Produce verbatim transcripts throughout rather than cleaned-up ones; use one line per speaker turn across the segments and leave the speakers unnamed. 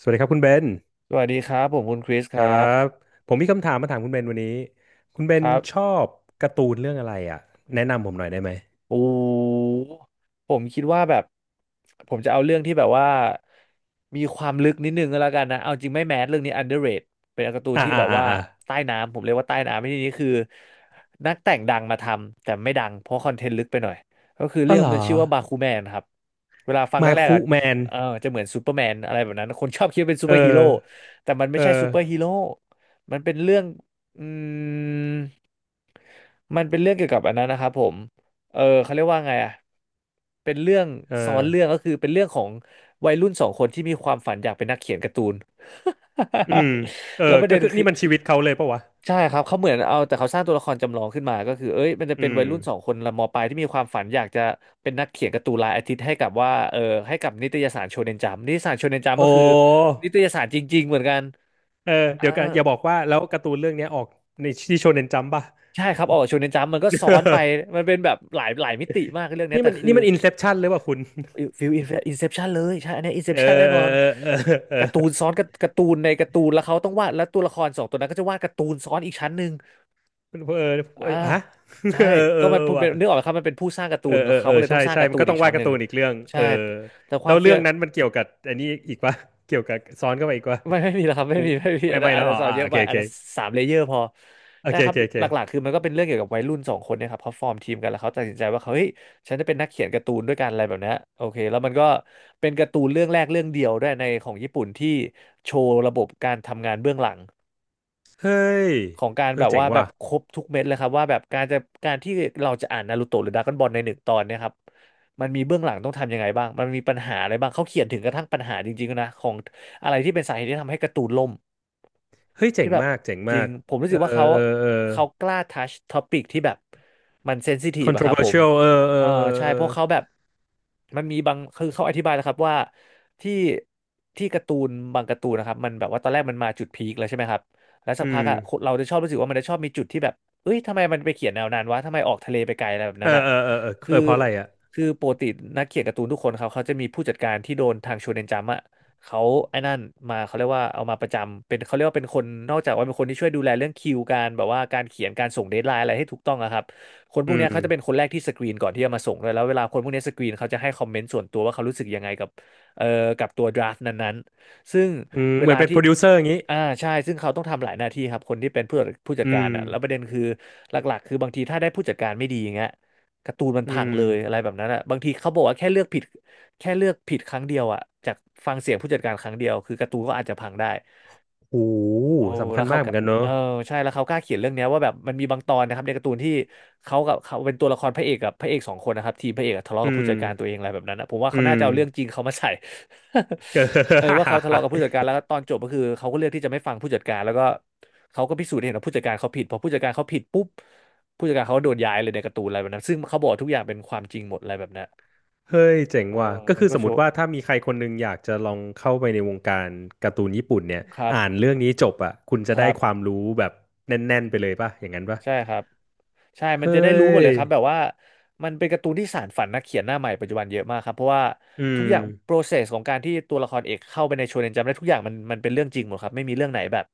สวัสดีครับคุณเบน
สวัสดีครับผมคุณคริส
ค
ค
รั
รับ
บผมมีคำถามมาถามคุณเบนวันนี้คุณเบ
ค
น
รับ
ชอบการ์ตูนเรื่องอะไรอ่ะแนะนำผมหน่อยได้ไหม
โอ้ผมคิดว่าแบบผมจะเอาเรื่องที่แบบว่ามีความลึกนิดนึงก็แล้วกันนะเอาจริงไม่แมสเรื่องนี้ underrate เป็นการ์ตูน
อ่า
ที่
อ่า
แบบ
อ่า
ว่า
อ่า
ใต้น้ำผมเรียกว่าใต้น้ำในที่นี้คือนักแต่งดังมาทำแต่ไม่ดังเพราะคอนเทนต์ลึกไปหน่อยก็คือ
อ๋อ
เรื่อง
เหรอ
มันชื่อว่าบาคูแมนครับเวลาฟังแร
มา
กๆ
คุ
อ่ะ
แมน
เออจะเหมือนซูเปอร์แมนอะไรแบบนั้นคนชอบคิดว่าเป็นซู
เอ
เปอร์ฮีโร่
อ
แต่มันไม่
เอ
ใช่ซูเปอร์ฮี
อ
โร่มันเป็นเรื่องอืมมันเป็นเรื่องเกี่ยวกับอันนั้นนะครับผม เออเขาเรียกว่าไงอ่ะเป็นเรื่อง
เอ
ซ้อน
อ
เรื่องก็คือเป็นเรื่องของวัยรุ่นสองคนที่มีความฝันอยากเป็นนักเขียนการ์ตูน
อืมเอ อ
แล้วประ
ก็
เด็น
คือ
คื
นี่
อ
มันชีวิตเขาเลยปะวะ
ใช่ครับเขาเหมือนเอาแต่เขาสร้างตัวละครจำลองขึ้นมาก็คือเอ้ยมันจะ
อื
เป็น
ม
วัยรุ่นสองคนละมปลายที่มีความฝันอยากจะเป็นนักเขียนการ์ตูนรายอาทิตย์ให้กับว่าเออให้กับนิตยสารโชเนนจัมนิตยสารโชเนนจัม
โอ้
ก็คือนิตยสารจริงๆเหมือนกัน
เออ
อ่า
เดี๋ยวกันอย่าบอกว่าแล้วการ์ตูนเรื่องเนี้ยออกในที่โชเน็นจัมป์ป่ะ
ใช่ครับออกโชเนนจัมมันก็ซ้อนไปมันเป็นแบบหลายหลายมิติมากเรื่อง เนี้ย
นี่
แต่
มัน
คือ
นี่มันอินเซปชันเลยว่ะคุณ
ฟิลอินเซปชันเลยใช่อันเนี้อินเซ
เอ
ป
อ
ชันแน่นอน
เออเออเออเออ
การ์ตูนซ้อนกับการ์ตูนในการ์ตูนแล้วเขาต้องวาดแล้วตัวละครสองตัวนั้นก็จะวาดการ์ตูนซ้อนอีกชั้นหนึ่ง
เออ
อ่า
เออฮะ
ใช่
เออเอ
ก็
อ
มัน
เออ
เป็
ว่ะ
นนึกออกไหมครับมันเป็นผู้สร้างการ์ตู
เออ
น
เอ
แล้ว
อ
เขา
เออ
ก็เลยต้
ใช่
องสร้าง
ใช่
การ์
มั
ตู
น
น
ก็
อี
ต้อ
ก
งวา
ชั้
ด
นห
การ์
นึ่
ตู
ง
นอีกเรื่องเอ
ใช่
อ
แต่ค
แล้
วาม
วเรื่
เฟี้ย
อ
ว
งนั้นมันเกี่ยวกับอันนี้อีก่ะ เกี่ยวกับซ้อนเข้าไปอีกวะ
ไม่ไม่มีล้ครับไม่มีไม่มี
ไม่
อันนั้
ไม่
นอั
แล้
น
ว
นั้
อ๋
น
อ
สอน
อ่า
เย
โอ
อะไป
เคโอ
อัน
เค
นั้นสามเลเยอร์พอ
โอ
ใช่
เค
ค
โอ
รับ
เคโอ
หลักๆ
เค
คือมันก็เป็นเรื่องเกี่ยวกับวัยรุ่นสองคนเนี่ยครับเขาฟอร์มทีมกันแล้วเขาตัดสินใจว่าเขาเฮ้ยฉันจะเป็นนักเขียนการ์ตูนด้วยกันอะไรแบบเนี้ยโอเคแล้วมันก็เป็นการ์ตูนเรื่องแรกเรื่องเดียวด้วยในของญี่ปุ่นที่โชว์ระบบการทำงานเบื้องหลัง
เฮ้ย
ของการ
เอ
แบ
อ
บ
เจ๋
ว่า
ง
แบ
ว่ะ
บครบทุกเม็ดเลยครับว่าแบบการจะการที่เราจะอ่านนารูโตะหรือดราก้อนบอลในหนึ่งตอนเนี่ยครับมันมีเบื้องหลังต้องทำยังไงบ้างมันมีปัญหาอะไรบ้างเขาเขียนถึงกระทั่งปัญหาจริงๆนะของอะไรที่เป็นสาเหตุที่ทำให้การ์ตูนล่ม
เฮ้ยเจ๋
ที่
ง
แบบ
มากเจ๋ง
จ
มา
ริง
ก
ผมรู้
เอ
สึ
อ
กว่าเขา
เออเออ
เขากล้าทัชท็อปิกที่แบบมันเซนซิทีฟอะครับผม
controversial เออเอ
เออ
อเออ
ใช่
เอ
เพ
อ
ราะเขาแบบมันมีบางคือเขาอธิบายแล้วครับว่าที่ที่การ์ตูนบางการ์ตูนนะครับมันแบบว่าตอนแรกมันมาจุดพีคแล้วใช่ไหมครับแล้วสั
อื
กพั
ม
กอะคนเราจะชอบรู้สึกว่ามันจะชอบมีจุดที่แบบเอ้ยทำไมมันไปเขียนแนวนั้นวะทำไมออกทะเลไปไกลอะไรแบบ
เอ
นั้น
อ
อะ
เออเออเออ
คื
เอ
อ
อเพราะอะไรอ่ะ
คือปกตินักเขียนการ์ตูนทุกคนเขาเขาจะมีผู้จัดการที่โดนทางโชเนนจัมป์อะ เขาไอ้นั่นมาเขาเรียกว่าเอามาประจำเป็นเขาเรียกว่าเป็นคนนอกจากว่าเป็นคนที่ช่วยดูแลเรื่องคิวการแบบว่าการเขียนการส่งเดดไลน์อะไรให้ถูกต้องอะครับคนพ
อื
วกเนี้ย
ม
เขาจะเป็นคนแรกที่สกรีนก่อนที่จะมาส่งเลยแล้วเวลาคนพวกเนี้ยสกรีนเขาจะให้คอมเมนต์ส่วนตัวว่าเขารู้สึกยังไงกับเอ่อกับตัวดราฟต์นั้นๆซึ่ง
อืม
เว
เหมือ
ลา
นเป็นโป
ที่
รดิวเซอร์อย่างงี้
อ่าใช่ซึ่งเขาต้องทำหลายหน้าที่ครับคนที่เป็นผู้ผู้จั
อื
ดการ
ม
อ่ะแล้วประเด็นคือหลักๆคือบางทีถ้าได้ผู้จัดการไม่ดีอย่างเงี้ยการ์ตูนมัน
อื
พัง
ม
เลยอะไรแบบนั้นอ่ะบางทีเขาบอกว่าแค่เลือกผิด แค่เลือกผิดครั้งเดียวอะจากฟังเสียงผู้จัดการครั้งเดียวคือการ์ตูนก็อาจจะพังได้
โอ้โห
โอ้
สำคั
แล้
ญ
ว
มา
เขา
กเห
ก็
มือนกันเนอะ
เออใช่แล้วเขากล้าเขียนเรื่องเนี้ยว่าแบบมันมีบางตอนนะครับในการ์ตูนที่เขากับเขาเป็นตัวละครพระเอกกับพระเอกสองคนนะครับทีมพระเอกอะทะเลาะ
อื
กับผู้
ม
จัดการตัวเองอะไรแบบนั้นนะผมว่า
อื
เขาน่า
ม
จะเอาเรื่องจริงเขามาใส่
เอ
เออว่าเขาทะเลาะกับ
อ
ผู้ จัดการแล้วก็ตอนจบก็คือเขาก็เลือกที่จะไม่ฟังผู้จัดการแล้วก็เขาก็พิสูจน์ให้เห็นว่าผู้จัดการเขาผิดพอผู้จัดการเขาผิดปุ๊บผู้จัดการเขาก็โดนย้ายเลยในการ์ตูนอะไรแบบนั้นซึ่งเขาบอกทุกอย่างเป็นความจริงหมดอะไรแบบนั้น
เฮ้ยเจ๋ง
เออ
ว่ะก็
มัน
คือ
ก็
สม
โช
มติ
ว์
ว่าถ้ามีใครคนหนึงอยากจะลองเข้าไปในวงการการ์ตูนญี่ปุ่นเนี่ย
ครับ
อ่านเรื่องนี้จบอ่ะคุณจะ
ค
ได้
รั
ควา
บ
มรู้แบบแน่นๆไปเลยป่ะอย่างนั้นป่ะ
ใช่ครับ ใช่ มัน
เฮ้
จะได้รู้หมดเล
ย
ยครับแบบว่ามันเป็นการ์ตูนที่สานฝันนักเขียนหน้าใหม่ปัจจุบันเยอะมากครับเพราะว่า
อื
ทุก
ม
อย่าง process ของการที่ตัวละครเอกเข้าไปในโชเนนจัมป์ได้ทุกอย่างมันมันเป็นเรื่องจริงหมดครับไม่มีเรื่องไหนแบบ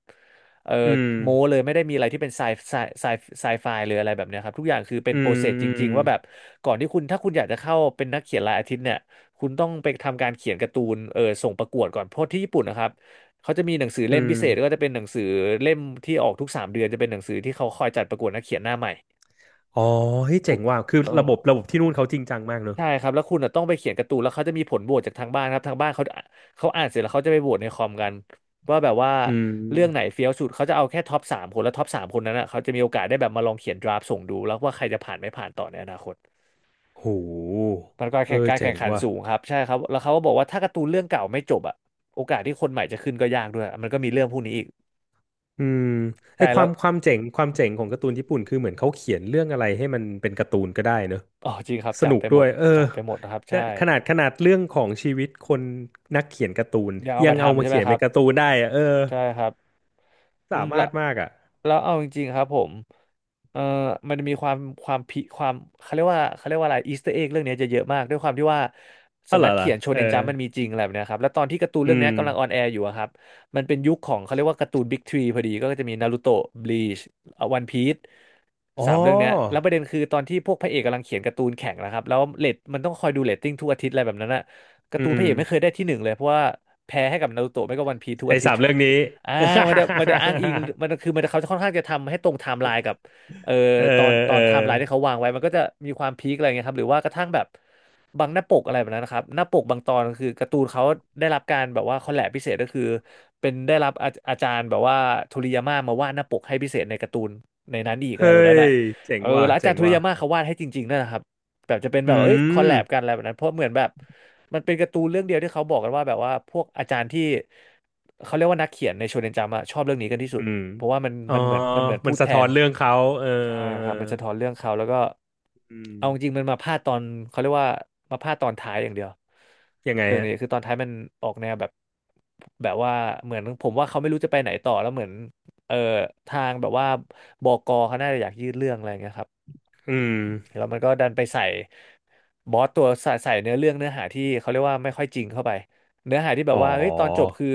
เออ
อืม
โม้เลยไม่ได้มีอะไรที่เป็นไซไซไซไซไฟเลยอะไรแบบเนี้ยครับทุกอย่างคือเป็น
อืม
process จ
อืม
ริงๆว่าแบบก่อนที่คุณถ้าคุณอยากจะเข้าเป็นนักเขียนรายอาทิตย์เนี่ยคุณต้องไปทำการเขียนการ์ตูนเออส่งประกวดก่อนเพราะที่ญี่ปุ่นนะครับเขาจะมีหนังสือ
อื
เล่มพิ
ม
เศษก็จะเป็นหนังสือเล่มที่ออกทุกสามเดือนจะเป็นหนังสือที่เขาคอยจัดประกวดนักเขียนหน้าใหม่
อ๋อเฮ้ยเจ๋
คุณ
งว่ะคือ
เอ
ระ
อ
บบระบบที่นู่นเขาจริงจังมากเนอะ
ใช่ครับแล้วคุณอ่ะต้องไปเขียนการ์ตูนแล้วเขาจะมีผลโหวตจากทางบ้านครับทางบ้านเขาเขาอ่านเสร็จแล้วเขาจะไปโหวตในคอมกันว่าแบบว่า
อื
เรื่องไหน
ม
เฟี้ยวสุดเขาจะเอาแค่ท็อปสามคนแล้วท็อปสามคนนั้นอ่ะเขาจะมีโอกาสได้แบบมาลองเขียนดราฟต์ส่งดูแล้วว่าใครจะผ่านไม่ผ่านต่อในอนาคต
โห
มันก็
เอ
แข่ง
อ
การ
เจ๋
แข่
ง
งขัน
ว่ะ
สูงครับใช่ครับแล้วเขาก็บอกว่าถ้าการ์ตูนเรื่องเก่าไม่จบอ่ะโอกาสที่คนใหม่จะขึ้นก็ยากด้วยมันก็มีเรื่องพวกนี้อีก
อืม
ใช่
ไอ้ค
แล้
วา
ว
มความเจ๋งความเจ๋งของการ์ตูนญี่ปุ่นคือเหมือนเขาเขียนเรื่องอะไรให้มันเป็นการ์ตูนก็ได้เนอะ
อ๋อจริงครับ
ส
จับ
นุก
ไปห
ด้
ม
ว
ด
ยเออ
จับไปหมดนะครับ
แต่
ใช่
ขนาดขนาดเรื่องของชีวิตคนนักเขียนการ์ตูน
เดี๋ยวเอา
ยัง
มา
เอา
ทำ
มา
ใช่ไหม
เขียน
ค
เป็
รั
น
บ
การ์ตูนได้อะเออ
ใช่ครับอื
สา
มแล้
มา
ว
รถมากอ่ะ
แล้วเอาจริงๆครับผมเอ่อมันจะมีความความพิความเขาเรียกว่าเขาเรียกว่าอะไรอีสเตอร์เอ็กเรื่องเนี้ยจะเยอะมากด้วยความที่ว่า
อ๋อ
สำ
เหร
นั
อ
ก
เหรอ
เขียนโช
เออ
เนนจัมป์มันมีจริงอะไรแบบเนี้ยครับแล้วตอนที่การ์ตูน
อื
เรื่องเนี้
ม
ยกำลังออนแอร์อยู่อะครับมันเป็นยุคของเขาเรียกว่าการ์ตูนบิ๊กทรีพอดีก็จะมีนารูโตะบลีชวันพีซ
อ๋อ
สามเรื่องเนี้ยแล้วประเด็นคือตอนที่พวกพระเอกกำลังเขียนการ์ตูนแข่งนะครับแล้วเรตมันต้องคอยดูเรตติ้งทุกอาทิตย์อะไรแบบนั้นอะกา
อื
ร์ตูน
ม
พระเอกไม่เคยได้ที่หนึ่งเลยเพราะว่าแพ้ให้กับนารูโตะไม่ก็วันพีซทุก
ไอ้
อาทิต
สาม
ย์
เรื่องนี้
อ่ามัน จะมันจะอ้างอิงมันคือมันจะเขาจะค่อนข้างจะทำให้ตรงไทม์ไลน์กับเอ่อ
เออ
ตอนตอ
เออ
นไทม์ไลน์ที่เขาวางไว้มันก็จะมีความพีคอะไรเงี้ยครับหรือว่ากระทั่งแบบบางหน้าปกอะไรแบบนั้นนะครับหน้าปกบางตอนคือการ์ตูนเขาได้รับการแบบว่าคอลแลบพิเศษก็คือเป็นได้รับอาอาจารย์แบบว่าโทริยาม่ามาวาดหน้าปกให้พิเศษในการ์ตูนในนั้นอีกอะ
เฮ้
ไรแบบนั้นอ่ะ
ยเจ๋
เอ
ง
อ
ว่ะ
แล้วอา
เจ๋
จาร
ง
ย์โทริ
ว่ะ
ยาม่าเขาวาดให้จริงๆนั่นแหละครับแบบจะเป็นแบ
อื
บเอ้ยคอลแล
ม
บกันอะไรแบบนั้นเพราะเหมือนแบบ มันเป็นการ์ตูนเรื่องเดียวที่เขาบอกกันว่าแบบว่าพวกอาจารย์ที่เขาเรียกว่านักเขียนในโชเนนจัมป์อะชอบเรื่องนี้กันที่สุ
อื
ด
ม
เพราะว่ามัน
อ๋อ
มันเหมือนมันเหมือน
มั
พู
น
ด
สะ
แท
ท้อ
น
นเรื่องเขาเออ
ใช่ค
เออ
รับมันสะท้อนเรื่องเขาแล้วก็
อืม
เอาจริงๆมันมาพลาดตอนเขาเรียกว่ามาพลาดตอนท้ายอย่างเดียว
ยังไง
เรื่อง
ฮะ
นี้คือตอนท้ายมันออกแนวแบบแบบว่าเหมือนผมว่าเขาไม่รู้จะไปไหนต่อแล้วเหมือนเออทางแบบว่าบกเขาน่าจะอยากยืดเรื่องอะไรอย่างเงี้ยครับ
อืม
แล้วมันก็ดันไปใส่บอสตัวใส่ใส่เนื้อเรื่องเนื้อหาที่เขาเรียกว่าไม่ค่อยจริงเข้าไปเนื้อหาที่แบ
อ๋
บ
อ
ว่าเฮ้ยตอนจบคือ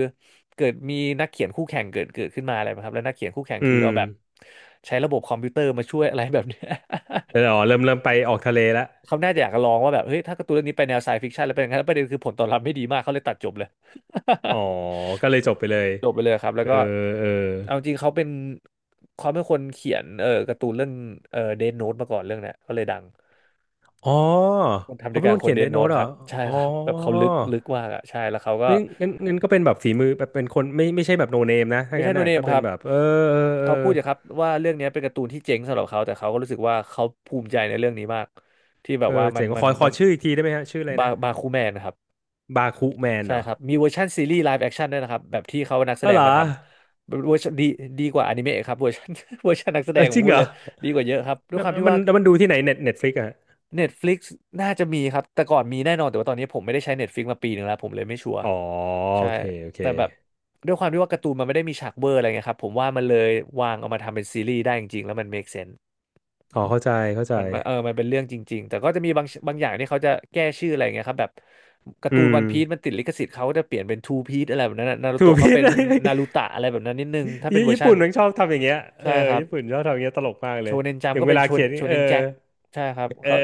เกิดมีนักเขียนคู่แข่งเกิดเกิดขึ้นมาอะไรแบบครับแล้วนักเขียนคู่แข่ง
อื
คือ
ม
เอาแบบใช้ระบบคอมพิวเตอร์มาช่วยอะไรแบบเนี้ย
เออ อ๋อ เริ่มเริ่มไปออกทะเลแล้ว
เขาน่าจะอยากจะลองว่าแบบเฮ้ยถ้าการ์ตูนเรื่องนี้ไปแนวไซฟิคชันแล้วเป็นอย่างนั้นแล้วประเด็นคือผลตอบรับไม่ดีมากเขาเลยตัดจบเลย
อ๋อ ก็เลยจบไปเลย
จบไปเลยครับ
เอ
แล้ว
อ
ก็
เออ
เอาจริงเขาเป็นเขาเป็นคนเขียนเออการ์ตูนเรื่องเออเดนโนตมาก่อนเรื่องเนี้ยก็เลยดัง
อ๋อ
คนทำด้
เขา
วย
เป็น
กัน
คน
คน
เขียน
เด
เด
ด
ธ
โน้
โน้
ต
ตเหร
ค
อ
รับใช่
อ๋อ
ครับแบบเขาลึกลึกมากอ่ะใช่แล้วเขาก็
งั้นงั้นงั้นก็เป็นแบบฝีมือแบบเป็นคนไม่ไม่ใช่แบบโนเนมนะ ถ้า
ไม่ใช่
งั้น
โน
น่ะ
เน
ก็
มค
เป็น
รับ
แบบ เออเออเออ
เขาพูดอย่างครับว่าเรื่องเนี้ยเป็นการ์ตูนที่เจ๋งสำหรับเขาแต่เขาก็รู้สึกว่าเขาภูมิใจในเรื่องนี้มากที่แบ
เอ
บ
อ
ว่ามั
เจ๋
น
ง
มั
ข
น
อข
มั
อ
น
ชื่ออีกทีได้ไหมฮะ ชื่ออะไร
บา
นะ
บาคูแมนนะครับ
บาคูแมน
ใช่
เหรอ
ครับมีเวอร์ชันซีรีส์ไลฟ์แอคชั่นด้วยนะครับแบบที่เขานักแส
อ๋อ
ด
เห
ง
รอ
มาทำเวอร์ชันดีดีกว่าอนิเมะครับเวอร์ชัน เวอร์ชันนักแสด
เอ
ง
อ
ผ
จ
ม
ริง
พู
เห
ด
ร
เล
อ
ยดีกว่าเยอะครับด้วย
แล้
ค
ว
วาม
แล้ว
ที่
มัน
ว่า
แล้วมันดูที่ไหนเน็ตเน็ตฟลิกอะ
Netflix น่าจะมีครับแต่ก่อนมีแน่นอนแต่ว่าตอนนี้ผมไม่ได้ใช้ Netflix มาปีหนึ่งแล้วผมเลยไม่ชัวร์
อ๋อ
ใช่
โอเคโอเค
แต่แบบด้วยความที่ว่าการ์ตูนมันไม่ได้มีฉากเวอร์อะไรเงี้ยครับผมว่ามันเลยวางเอามาทำเป็นซีรีส์ได้จริงๆแล้วมัน เมค เซนส์
อ๋อเข้าใจเข้าใจ
มันมันเออมันเป็นเรื่องจริงๆแต่ก็จะมีบางบางอย่างที่เขาจะแก้ชื่ออะไรเงี้ยครับแบบการ์
อื
ตูนวั
ม
นพีซมันติดลิขสิทธิ์เขาก็จะเปลี่ยนเป็นทูพีซอะไรแบบนั้นนารู
ถูก
โตะ เขา
พิษ
เป็น นารูตะอะไรแบบนั้นนิดนึงถ้าเป็
ญี่
นเวอร์
ญี่
ชั่
ปุ่
น
นมันชอบทำอย่างเงี้ยเออ
ใช่ครับ
ญี่ปุ่นชอบทำอย่างเงี้ยตลกมากเล
โช
ย
เนนจั
อ
มป์
ย่าง
ก็
เว
เป็น
ลา
โช
เขียน
โช
นี่เอ
เน
อ
นแจ็คใช่ครับ
เออ
เขา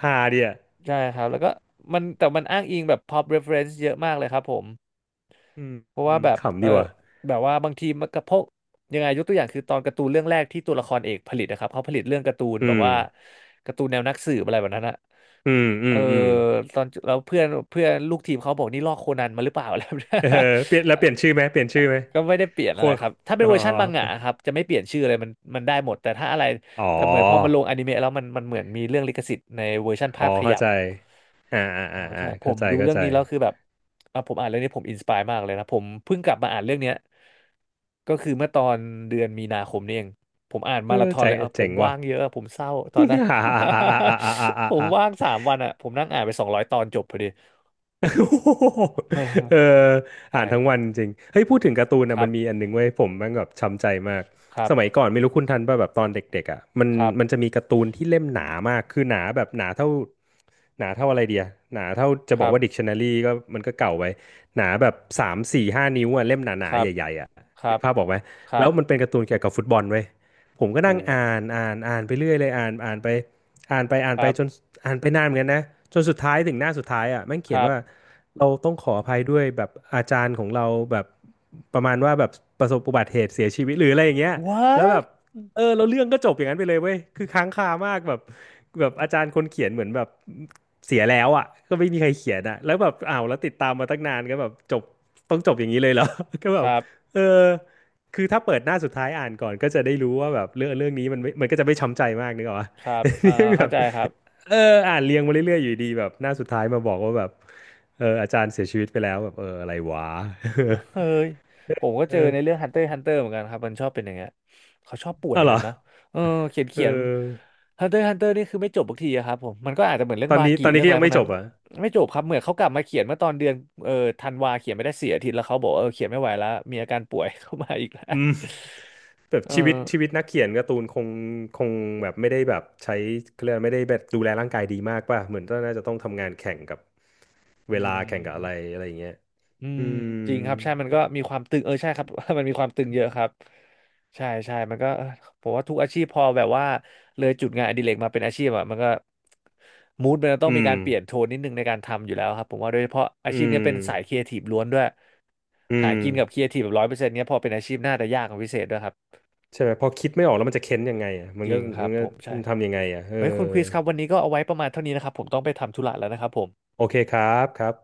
ฮาดีอ่ะ
ใช่ครับแล้วก็มันแต่มันอ้างอิงแบบ ป็อป เรฟเฟอเรนซ์ เยอะมากเลยครับผม
อืม
เพราะ
อื
ว่า
ม
แบบ
ขำ
เอ
ดี
อ
ว่ะ
แบบว่าบางทีมันกระพกยังไงยกตัวอย่างคือตอนการ์ตูนเรื่องแรกที่ตัวละครเอกผลิตนะครับเขาผลิตเรื่องการ์ตูน
อื
แบบ
ม
ว่าการ์ตูนแนวนักสืบอะไรแบบนั้นอะ
อืมอื
เออ
มอืม
ตอนแล้วเพื่อนเพื่อนลูกทีมเขาบอกนี่ลอกโคนันมาหรือเปล่า อะไรแบบนั้น
เออเปลี่ยนแล้วเปลี่ยนชื่อไหมเปลี่ยนชื่อไหม
ก็ไม่ได้เปลี่ยน
โค
อะไรครับถ้าเป็
อ๋
น
อ
เวอร์ชันมังงะครับจะไม่เปลี่ยนชื่อเลยมันมันได้หมดแต่ถ้าอะไร
อ๋อ
แต่เหมือนพอมันลงอนิเมะแล้วมันมันเหมือนมีเรื่องลิขสิทธิ์ในเวอร์ชัน
อ๋
ภา
อ
พข
เข้า
ยับ
ใจอ่า
อ๋
อ่า
อ
อ่าอ่า
ใช่ผ
เข้า
ม
ใจ
ดู
เข้า
เรื่อง
ใจ
นี้แล้วคือแบบอ่ะผมอ่านเรื่องนี้ผมอินสปายมากเลยนะผมเพิ่งกลับมาอ่านเรื่องเนี้ยก็คือเมื่อตอนเดือนมีนาคมนี่เองผมอ่าน
เอ
มารา
อ
ธอน
ใจ
เลยอ่ะผ
เจ๋
ม
งว่ะ
ว่างเยอะผมเศร้าตอนนั้น
อ่าอ่าอ่าอ่าอ่าอ่าอ่า
ผม
อ่า
ว่างสามวันอ่ะผมนั่งอ่านไปสองร้อยตอนจบพอดี
โอ้โห
เ
เออ
ออใช่
อ่านทั้งวันจริงเฮ้ยพูดถึงการ์ตูน
ค
อ่ะ
รั
มันมีอั
บ
นหนึ่งเว้ยผมแมันแบบช้ำใจมาก
ครั
สมัย
บ
ก่อนไม่รู้คุณทันป่ะแบบตอนเด็กๆอ่ะมัน
ครับ
มันจะมีการ์ตูนที่เล่มหนามากคือหนาแบบหนาเท่าหนาเท่าอะไรเดียหนาเท่าจะ
ค
บอก
รับ
ว่าดิกชันนารีก็มันก็เก่าไปหนาแบบสามสี่ห้านิ้วอ่ะเล่มห
ค
นาๆ
รับ
ใหญ่ๆอ่ะ
ครั
นึก
บ
ภาพออกไหม
ครั
แล้ว
บ
มันเป็นการ์ตูนเกี่ยวกับฟุตบอลเว้ยผมก็
โอ้
นั่งอ่านอ่านอ่านไปเรื่อยเลยอ่านอ่านไป อ่านไปอ่าน
ค
ไป
รั
จน
บ
อ่านไปนานเหมือนกันนะจนสุดท้ายถึงหน้าสุดท้ายอ่ะแม่ง
ค
เขียน
รั
ว่า
บ
เราต้องขออภัยด้วยแบบอาจารย์ของเราแบบประมาณว่าแบบประสบอุบัติเหตุเสียชีวิตหรืออะไรอย่างเงี้ยแล้วแบ
วอท
บเออแล้วเรื่องก็จบอย่างนั้นไปเลยเว้ยคือค้างคามากแบบแบบอาจารย์คนเขียนเหมือนแบบเสียแล้วอ่ะก็ไม่มีใครเขียนอ่ะแล้วแบบอ้าวแล้วติดตามมาตั้งนานก็แบบจบต้องจบอย่างนี้เลยเหรอ ก็แบ
ค
บ
รับ
เออคือถ้าเปิดหน้าสุดท้ายอ่านก่อนก็จะได้รู้ว่าแบบเรื่องเรื่องนี้มันไม่มันก็จะไม่ช้ำใจมากนึกออกปะ
ครับอ่า
เนี่ยแบ
เข้า
บ
ใจครับ
เอออ่านเรียงมาเรื่อยๆอยู่ดีแบบหน้าสุดท้ายมาบอกว่าแบบเอออาจารย์เสียชีวิตไปแล้วแบบเอออะไรวะ
เฮ้ยผมก็ เจ
เอ
อ
อ
ในเรื่อง Hunter x Hunter เหมือนกันครับมันชอบเป็นอย่างเงี้ยเขาชอบป่วย
อ้าวเหร
กัน
อ
เนอะเออเขียน
เอ
เขียน
อ
Hunter x Hunter นี่คือไม่จบสักทีอะครับผมมันก็อาจจะเหมือนเรื่อ
ต
ง
อน
บา
นี้
กิ
ตอนนี้
เรื่อง
ก็
อะไร
ยัง
พว
ไม่
ก
จ
นั้น
บอ่ะ
ไม่จบครับเหมือนเขากลับมาเขียนเมื่อตอนเดือนเออธันวาเขียนไม่ได้เสียอาทิตย์แล้วเขาบอกว่าเออเขียนไม่ไหวแล้วมีอาการป่วย เข้ามาอีกแล้ว
อืมแบบ
เอ
ชีวิต
อ
ชีวิตนักเขียนการ์ตูนคงคงแบบไม่ได้แบบใช้เขาเรียกว่าไม่ได้แบบดูแลร่างกายดีมากป่ะเหมือนก็น่าจะต้องทำงานแข่งกับเว
อื
ลาแข่งกับอะไร
ม
อะไรอย่างเงี้ย
อื
อื
ม
ม
จริงครับใช่มันก็มีความตึงเออใช่ครับ มันมีความตึงเยอะครับใช่ใช่มันก็เออผมว่าทุกอาชีพพอแบบว่าเลยจุดงานอดิเรกมาเป็นอาชีพอ่ะมันก็มูดมันจะต้อ
อื
งมี
ม
การเปลี่ยนโทนนิดนึงในการทำอยู่แล้วครับผมว่าโดยเฉพาะอา
อื
ชีพเนี้ย
ม
เป็นสายครีเอทีฟล้วนด้วย
อื
หา
ม
กินกับครีเอทีฟแบบร้อยเปอร์เซ็นต์เนี้ยพอเป็นอาชีพน่าจะยากกว่าพิเศษด้วยครับ
ใช่ไหมพอคิดไม่ออกแล้วมันจะเค้นยังไงอ่ะมัน
จริ
ก็
งครั
มั
บ
นก็
ผมใช่ครับ
ทำยังไงอ่ะเออ
เฮ้ยคุณคริสครับวันนี้ก็เอาไว้ประมาณเท่านี้นะครับผมต้องไปทำธุระแล้วนะครับผม
โอเคครับครับ